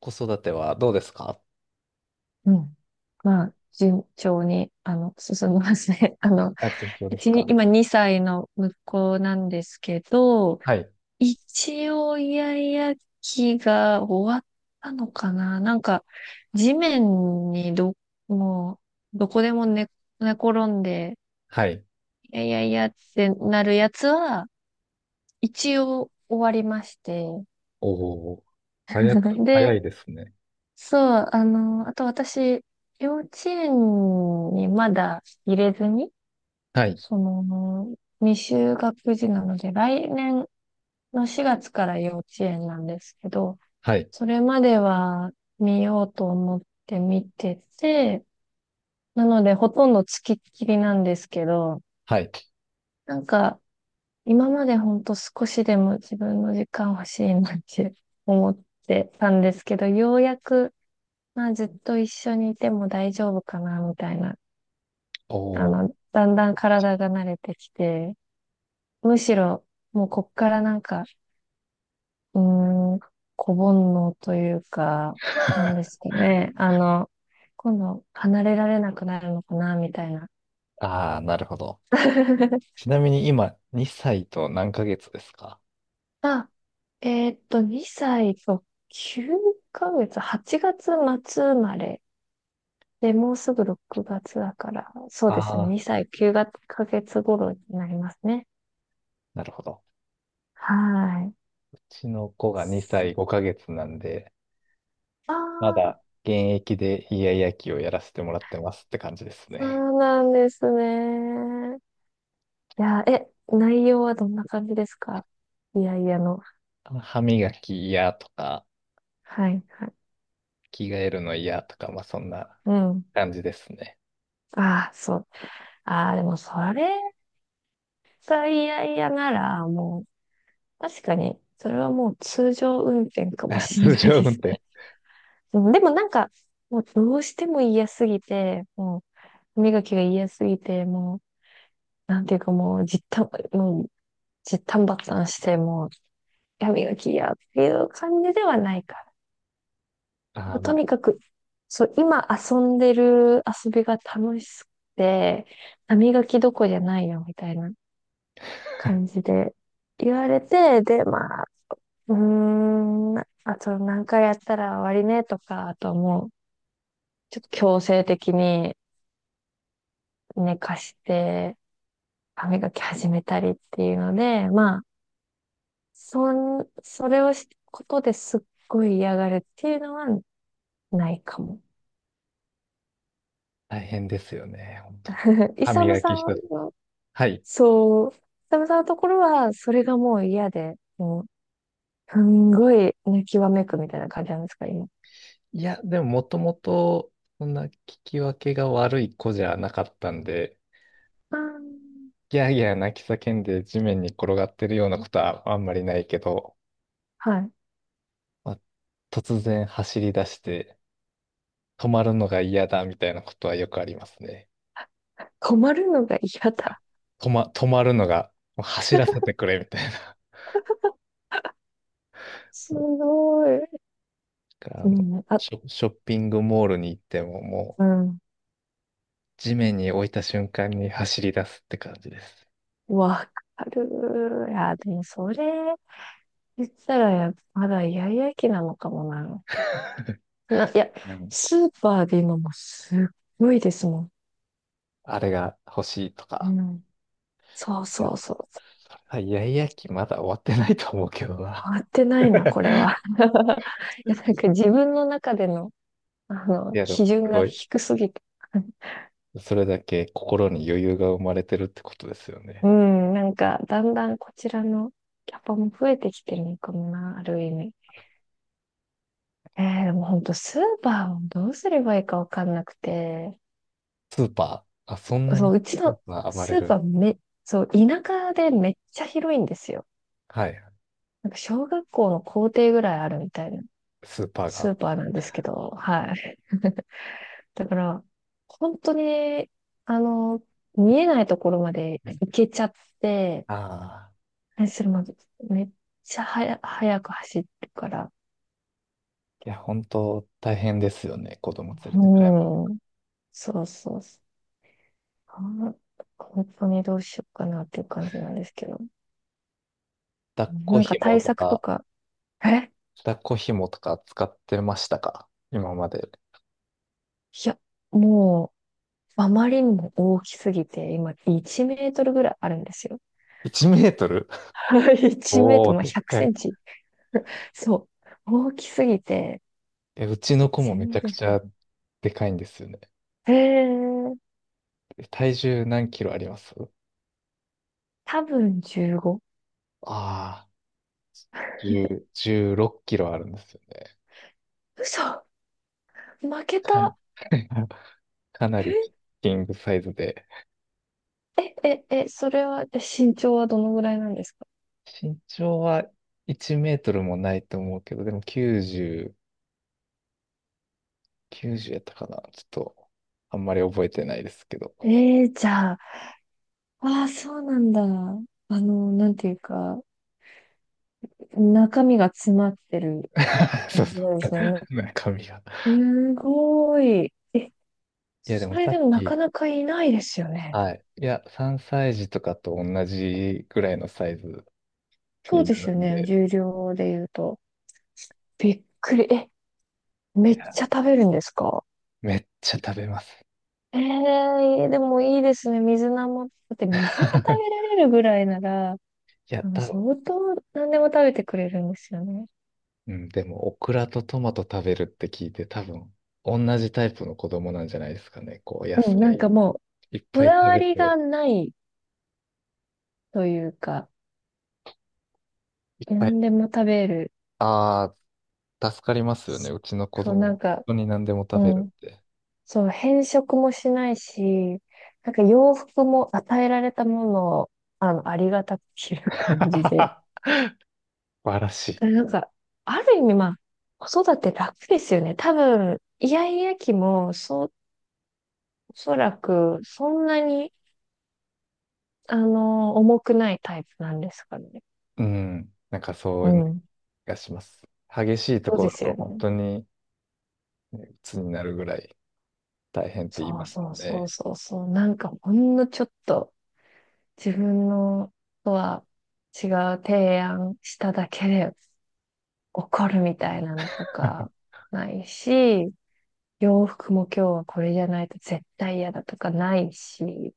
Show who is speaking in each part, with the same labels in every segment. Speaker 1: 子育てはどうですか？
Speaker 2: うん。まあ、順調に、進みますね。
Speaker 1: あ、順調
Speaker 2: う
Speaker 1: です
Speaker 2: ちに、
Speaker 1: か。
Speaker 2: 今2歳の息子なんですけど、
Speaker 1: はい。
Speaker 2: 一応、イヤイヤ期が終わったのかななんか、地面にど、もう、どこでも寝転んで、
Speaker 1: はい。
Speaker 2: いやいやいやってなるやつは、一応終わりまして。
Speaker 1: おお、早
Speaker 2: で、
Speaker 1: いですね。
Speaker 2: そう、あと私、幼稚園にまだ入れずに、
Speaker 1: はい、
Speaker 2: その、未就学児なので、来年の4月から幼稚園なんですけど、
Speaker 1: はい、
Speaker 2: それまでは見ようと思って見てて、なのでほとんど付きっきりなんですけど、
Speaker 1: はい。
Speaker 2: なんか今までほんと少しでも自分の時間欲しいなって 思ってたんですけど、ようやく、まあずっと一緒にいても大丈夫かなみたいな、
Speaker 1: おー。
Speaker 2: だんだん体が慣れてきて、むしろもうこっからなんかうーん、子煩悩というか、なんです かね。今度離れられなくなるのかな、みたいな。
Speaker 1: ああ、なるほど。ちなみに今、2歳と何ヶ月ですか？
Speaker 2: あ、2歳と9ヶ月、8月末生まれ。で、もうすぐ6月だから、そうですね。
Speaker 1: ああ
Speaker 2: 2歳9ヶ月頃になりますね。
Speaker 1: ー、なるほど。
Speaker 2: はい。
Speaker 1: うちの子が2歳5ヶ月なんで、
Speaker 2: あ
Speaker 1: ま
Speaker 2: あ、
Speaker 1: だ現役でイヤイヤ期をやらせてもらってますって感じです
Speaker 2: そ
Speaker 1: ね。
Speaker 2: うなんですね。いや、内容はどんな感じですか？いやいやの。
Speaker 1: 歯磨き嫌とか、
Speaker 2: はいはい。
Speaker 1: 着替えるの嫌とか、まあそんな
Speaker 2: うん。
Speaker 1: 感じですね。
Speaker 2: ああ、そう。ああ、でもそれが嫌々なら、もう、確かに、それはもう通常運転かも しん
Speaker 1: 通
Speaker 2: ない
Speaker 1: 常
Speaker 2: で
Speaker 1: 運
Speaker 2: す
Speaker 1: 転。
Speaker 2: ね。うんでもなんか、もうどうしても嫌すぎて、もう、歯磨きが嫌すぎて、もう、なんていうかもう、もう、じったんばったんして、もう、歯磨き嫌っていう感じではないか
Speaker 1: ああ、
Speaker 2: ら。
Speaker 1: ま
Speaker 2: と
Speaker 1: あ、
Speaker 2: にかく、そう、今遊んでる遊びが楽しくて、歯磨きどこじゃないよ、みたいな。感じで言われて、で、まあ、あと何回やったら終わりねとか、あとはもう、ちょっと強制的に寝かして、歯磨き始めたりっていうので、まあ、そそれをし、ことですっごい嫌がるっていうのはないかも。
Speaker 1: 大変ですよね、本当。
Speaker 2: イ
Speaker 1: 歯
Speaker 2: サム
Speaker 1: 磨
Speaker 2: さ
Speaker 1: き
Speaker 2: ん
Speaker 1: 一つ。
Speaker 2: の、
Speaker 1: はい。
Speaker 2: そう、イサムさんのところは、それがもう嫌で、もう、すんごい泣きわめくみたいな感じなんですか、今？
Speaker 1: いや、でも、もともとそんな聞き分けが悪い子じゃなかったんで、
Speaker 2: あー
Speaker 1: ギャーギャー泣き叫んで地面に転がってるようなことはあんまりないけど、
Speaker 2: はい。
Speaker 1: まあ、突然走り出して、止まるのが嫌だみたいなことはよくありますね。
Speaker 2: 困るのが嫌だ。
Speaker 1: 止まるのが、もう走らせてくれみたいな。
Speaker 2: す
Speaker 1: そう
Speaker 2: ごい。
Speaker 1: か。あ
Speaker 2: う
Speaker 1: の、
Speaker 2: ん、あ、
Speaker 1: ショッピングモールに行ってももう、
Speaker 2: うん。
Speaker 1: 地面に置いた瞬間に走り出すって感じです。
Speaker 2: わかる。いや、でもそれ言ったら、まだイヤイヤ期なのかもな。いや、
Speaker 1: うん。
Speaker 2: スーパーで今もうすっごいですもん。
Speaker 1: あれが欲しいと
Speaker 2: う
Speaker 1: か。
Speaker 2: ん。そう
Speaker 1: い
Speaker 2: そ
Speaker 1: や、
Speaker 2: うそう。
Speaker 1: あ、イヤイヤ期まだ終わってないと思うけどな。
Speaker 2: 回ってないな、これは。いや、なんか自分の中での、
Speaker 1: いや、でも、
Speaker 2: 基準
Speaker 1: す
Speaker 2: が
Speaker 1: ごい。
Speaker 2: 低すぎて。
Speaker 1: それだけ心に余裕が生まれてるってことですよ
Speaker 2: う
Speaker 1: ね。
Speaker 2: ん、なんか、だんだんこちらのキャパも増えてきてるのかもな、ある意味。えー、でも本当スーパーをどうすればいいかわかんなくて、
Speaker 1: スーパー、あ、そんな
Speaker 2: そ
Speaker 1: に
Speaker 2: う、うち
Speaker 1: スー
Speaker 2: の
Speaker 1: パー暴れ
Speaker 2: スーパ
Speaker 1: る。
Speaker 2: ーめ、そう、田舎でめっちゃ広いんですよ。
Speaker 1: はい、
Speaker 2: なんか小学校の校庭ぐらいあるみたいな
Speaker 1: スーパー
Speaker 2: ス
Speaker 1: が。
Speaker 2: ーパーなんですけど、はい。だから、本当に、あの、見えないところまで行けちゃって、
Speaker 1: ああ、
Speaker 2: それもめっちゃ早く走るから、
Speaker 1: いや、本当大変ですよね、子供連れて買い物。
Speaker 2: うん、そうそうそう。あ本当にどうしようかなっていう感じなんですけど。
Speaker 1: 抱っこ
Speaker 2: なんか
Speaker 1: 紐
Speaker 2: 対
Speaker 1: と
Speaker 2: 策と
Speaker 1: か、
Speaker 2: か、え
Speaker 1: 抱っこ紐とか使ってましたか今まで？
Speaker 2: いや、もう、あまりにも大きすぎて、今、1メートルぐらいあるんですよ。
Speaker 1: 1メートル。
Speaker 2: 1メート
Speaker 1: お
Speaker 2: ル、ま
Speaker 1: ー、
Speaker 2: あ、
Speaker 1: でっ
Speaker 2: 100セ
Speaker 1: かい。
Speaker 2: ンチ。そう。大きすぎて、
Speaker 1: え、うちの子もめち
Speaker 2: 全
Speaker 1: ゃくち
Speaker 2: 然。
Speaker 1: ゃでかいんですよね。
Speaker 2: えー、
Speaker 1: え、体重何キロあります？
Speaker 2: 多分15。
Speaker 1: ああー、10、6キロあるんですよね。
Speaker 2: 嘘負け
Speaker 1: かん、
Speaker 2: た。
Speaker 1: かなり
Speaker 2: え、
Speaker 1: キングサイズで。
Speaker 2: それは、身長はどのぐらいなんですか？
Speaker 1: 身長は1メートルもないと思うけど、でも90、90やったかなちょっと、あんまり覚えてないですけど。
Speaker 2: えー、じゃあ、ああ、そうなんだ。なんていうか、中身が詰まってる
Speaker 1: そう
Speaker 2: 感じ
Speaker 1: そ
Speaker 2: なんですね。
Speaker 1: う。中身が。
Speaker 2: すごい。
Speaker 1: いや、で
Speaker 2: そ
Speaker 1: も
Speaker 2: れ
Speaker 1: さ
Speaker 2: で
Speaker 1: っ
Speaker 2: もなか
Speaker 1: き、
Speaker 2: なかいないですよね。
Speaker 1: はい。いや、3歳児とかと同じぐらいのサイズ
Speaker 2: そう
Speaker 1: に
Speaker 2: で
Speaker 1: な
Speaker 2: す
Speaker 1: る
Speaker 2: よ
Speaker 1: ん
Speaker 2: ね。
Speaker 1: で、
Speaker 2: 重量で言うと。びっくり。
Speaker 1: い
Speaker 2: めっ
Speaker 1: や
Speaker 2: ちゃ食べるんですか？
Speaker 1: めっちゃ食べます。
Speaker 2: ええでもいいですね。水菜も。だって水が食べら れるぐらいなら、
Speaker 1: いや、多分、
Speaker 2: 相当何でも食べてくれるんですよね。
Speaker 1: うん、でも、オクラとトマト食べるって聞いて、多分、同じタイプの子供なんじゃないですかね。こう、野
Speaker 2: うん、なん
Speaker 1: 菜
Speaker 2: かもう、
Speaker 1: いっ
Speaker 2: こ
Speaker 1: ぱい
Speaker 2: だ
Speaker 1: 食
Speaker 2: わ
Speaker 1: べ
Speaker 2: りが
Speaker 1: て、
Speaker 2: ないというか、
Speaker 1: いっぱい。
Speaker 2: 何でも食べる。
Speaker 1: ああ、助かりますよね。うちの子
Speaker 2: そう、
Speaker 1: 供、
Speaker 2: なん
Speaker 1: 本
Speaker 2: か、
Speaker 1: 当に何でも
Speaker 2: う
Speaker 1: 食べる
Speaker 2: ん。
Speaker 1: って。
Speaker 2: そう、変色もしないし、なんか洋服も与えられたものを、ありがたく着る 感
Speaker 1: 素
Speaker 2: じで。
Speaker 1: 晴らしい。
Speaker 2: なんか、ある意味、まあ、子育て楽ですよね。多分、イヤイヤ期も、そう、おそらく、そんなに、重くないタイプなんですかね。
Speaker 1: うん。なんかそ
Speaker 2: う
Speaker 1: ういう気
Speaker 2: ん。
Speaker 1: がします。激しいと
Speaker 2: そう
Speaker 1: こ
Speaker 2: で
Speaker 1: ろだ
Speaker 2: す
Speaker 1: と
Speaker 2: よ
Speaker 1: 本
Speaker 2: ね。
Speaker 1: 当にね、鬱になるぐらい大変って言い
Speaker 2: そ
Speaker 1: ま
Speaker 2: う
Speaker 1: すも
Speaker 2: そう
Speaker 1: ん
Speaker 2: そう
Speaker 1: ね。
Speaker 2: そうそう。なんか、ほんのちょっと、自分のとは違う提案しただけで、怒るみたいなのとかないし、洋服も今日はこれじゃないと絶対嫌だとかないし、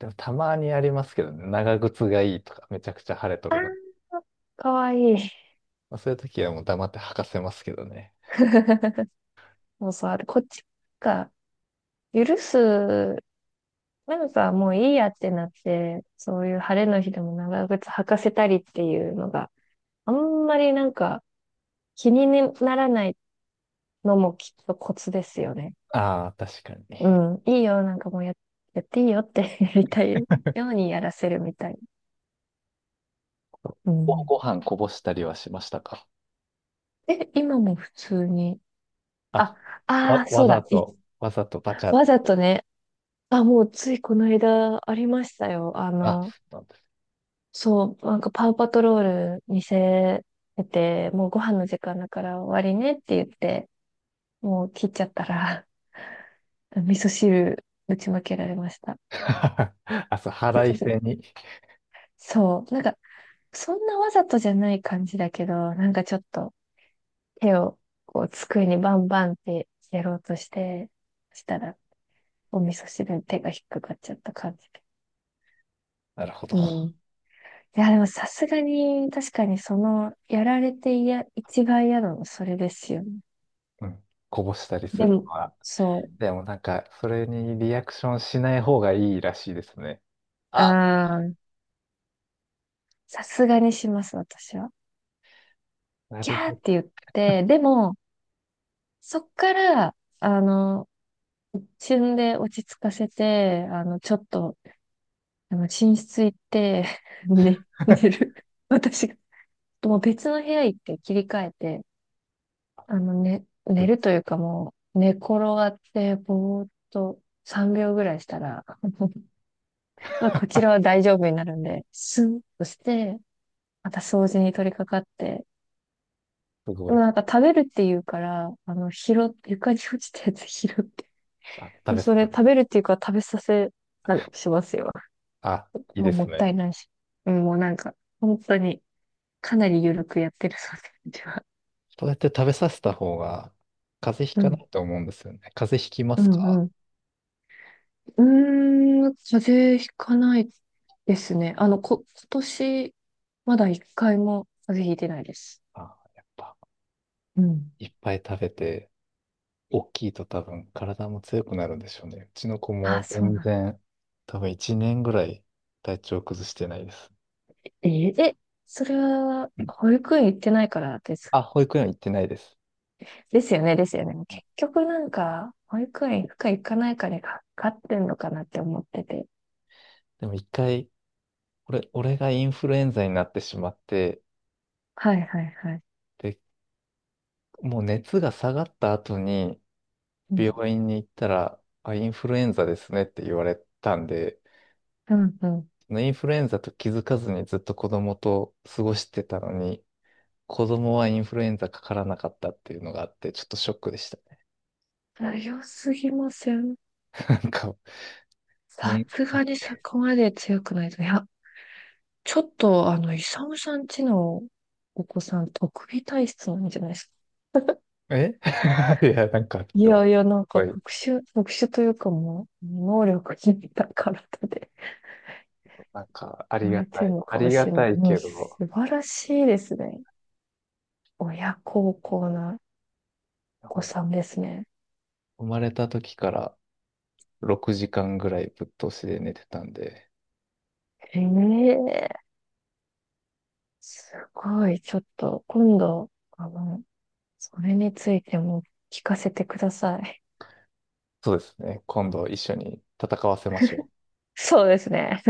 Speaker 1: でもたまにありますけどね。長靴がいいとか、めちゃくちゃ晴れとるの
Speaker 2: かわいい。
Speaker 1: まあ、そういう時はもう黙って吐かせますけどね。
Speaker 2: もうそうある。こっちが許す、なんかもういいやってなって、そういう晴れの日でも長靴履かせたりっていうのがあんまりなんか気にならないのもきっとコツですよね。
Speaker 1: ああ、確かに。
Speaker 2: うん。いいよ。なんかもうやっていいよって やりたいようにやらせるみたい。う
Speaker 1: ご、
Speaker 2: ん。
Speaker 1: ご飯こぼしたりはしましたか？
Speaker 2: 今も普通に
Speaker 1: あ、
Speaker 2: あ、ああ、
Speaker 1: わ
Speaker 2: そうだ。
Speaker 1: ざと、わざとバチャっ
Speaker 2: わ
Speaker 1: て。
Speaker 2: ざとね。あ、もうついこの間ありましたよ。
Speaker 1: あ、そうなんです。
Speaker 2: そう、なんかパウパトロール見せてて、もうご飯の時間だから終わりねって言って、もう切っちゃったら、味噌汁ぶちまけられました。
Speaker 1: あ、そう、腹い せに。
Speaker 2: そう、なんか、そんなわざとじゃない感じだけど、なんかちょっと手をこう机にバンバンってやろうとして、したら、お味噌汁に手が引っかかっちゃった感じで。
Speaker 1: なるほど。
Speaker 2: うんいや、でもさすがに、確かにやられていや、一番嫌なのそれですよね。
Speaker 1: うん。こぼしたりす
Speaker 2: で
Speaker 1: る
Speaker 2: も、
Speaker 1: のは。
Speaker 2: そ
Speaker 1: でもなんか、それにリアクションしない方がいいらしいですね。
Speaker 2: う、
Speaker 1: あ、
Speaker 2: さすがにします、私は。
Speaker 1: な
Speaker 2: ギ
Speaker 1: る
Speaker 2: ャーって言って、でも、そっから、旬で落ち着かせて、ちょっと、寝室行って、寝る。私が、もう別の部屋行って切り替えて、
Speaker 1: ほ
Speaker 2: 寝
Speaker 1: ど。
Speaker 2: るというかもう、寝転がって、ぼーっと3秒ぐらいしたら、まあ、こちらは大丈夫になるんで、スンとして、また掃除に取り掛かって、
Speaker 1: す
Speaker 2: で
Speaker 1: ごい。
Speaker 2: もなんか食べるっていうから、床に落ちたやつ 拾って、
Speaker 1: あ、食べさ
Speaker 2: それ
Speaker 1: せ
Speaker 2: 食
Speaker 1: て。
Speaker 2: べるっていうから食べさせ、なしますよ。
Speaker 1: あ、いい
Speaker 2: まあ、
Speaker 1: で
Speaker 2: も
Speaker 1: す
Speaker 2: った
Speaker 1: ね。
Speaker 2: いないし。うん、もうなんか、本当に、かなり緩くやってるそうでうちは。
Speaker 1: そうやって食べさせた方が風邪ひ
Speaker 2: う
Speaker 1: かな
Speaker 2: ん、
Speaker 1: いと思うんですよね。風邪ひきま
Speaker 2: う
Speaker 1: す
Speaker 2: ん、
Speaker 1: か？
Speaker 2: うん。風邪ひかないですね。今年、まだ一回も風邪ひいてないです。
Speaker 1: ああやっぱ、
Speaker 2: うん。
Speaker 1: いっぱい食べて、大きいと多分体も強くなるんでしょうね。うちの子
Speaker 2: あ、
Speaker 1: も
Speaker 2: そうなん
Speaker 1: 全
Speaker 2: だ。
Speaker 1: 然、多分1年ぐらい体調崩してないです。
Speaker 2: えー、え、それは、
Speaker 1: うん、
Speaker 2: 保育園行ってないからです。
Speaker 1: あ、保育園行ってないです。
Speaker 2: ですよね、ですよね。結局なんか、保育園行くか行かないかにかかってんのかなって思ってて。
Speaker 1: でも一回、俺がインフルエンザになってしまって、
Speaker 2: はいはいはい。
Speaker 1: で、もう熱が下がった後に
Speaker 2: うん、
Speaker 1: 病院に行ったら、あ、インフルエンザですねって言われたんで、
Speaker 2: うん、うん。
Speaker 1: インフルエンザと気づかずにずっと子供と過ごしてたのに、子供はインフルエンザかからなかったっていうのがあって、ちょっとショックでした。
Speaker 2: 強すぎません？
Speaker 1: なんか、め、
Speaker 2: さすがにそこまで強くないと。いや、ちょっと、イサムさんちのお子さん、特技体質なんじゃないですか？
Speaker 1: え。 いや、なんか、
Speaker 2: い
Speaker 1: でも、
Speaker 2: や
Speaker 1: す
Speaker 2: いや、なん
Speaker 1: ご
Speaker 2: か
Speaker 1: い、
Speaker 2: 特殊というかもう、能力に高らで。
Speaker 1: なんか、あ
Speaker 2: 生
Speaker 1: り
Speaker 2: ま
Speaker 1: が
Speaker 2: れて
Speaker 1: た
Speaker 2: る
Speaker 1: い。
Speaker 2: の
Speaker 1: あ
Speaker 2: かも
Speaker 1: りが
Speaker 2: しれ
Speaker 1: た
Speaker 2: ない。
Speaker 1: い
Speaker 2: でも
Speaker 1: け
Speaker 2: 素
Speaker 1: ど、
Speaker 2: 晴らしいですね。親孝行な
Speaker 1: ほ
Speaker 2: お子
Speaker 1: ん
Speaker 2: さんですね。
Speaker 1: 生まれた時から6時間ぐらいぶっ通しで寝てたんで、
Speaker 2: へえ、すごい。ちょっと、今度、あの、それについても聞かせてください。
Speaker 1: そうですね。今度一緒に戦わせましょう。
Speaker 2: そうですね。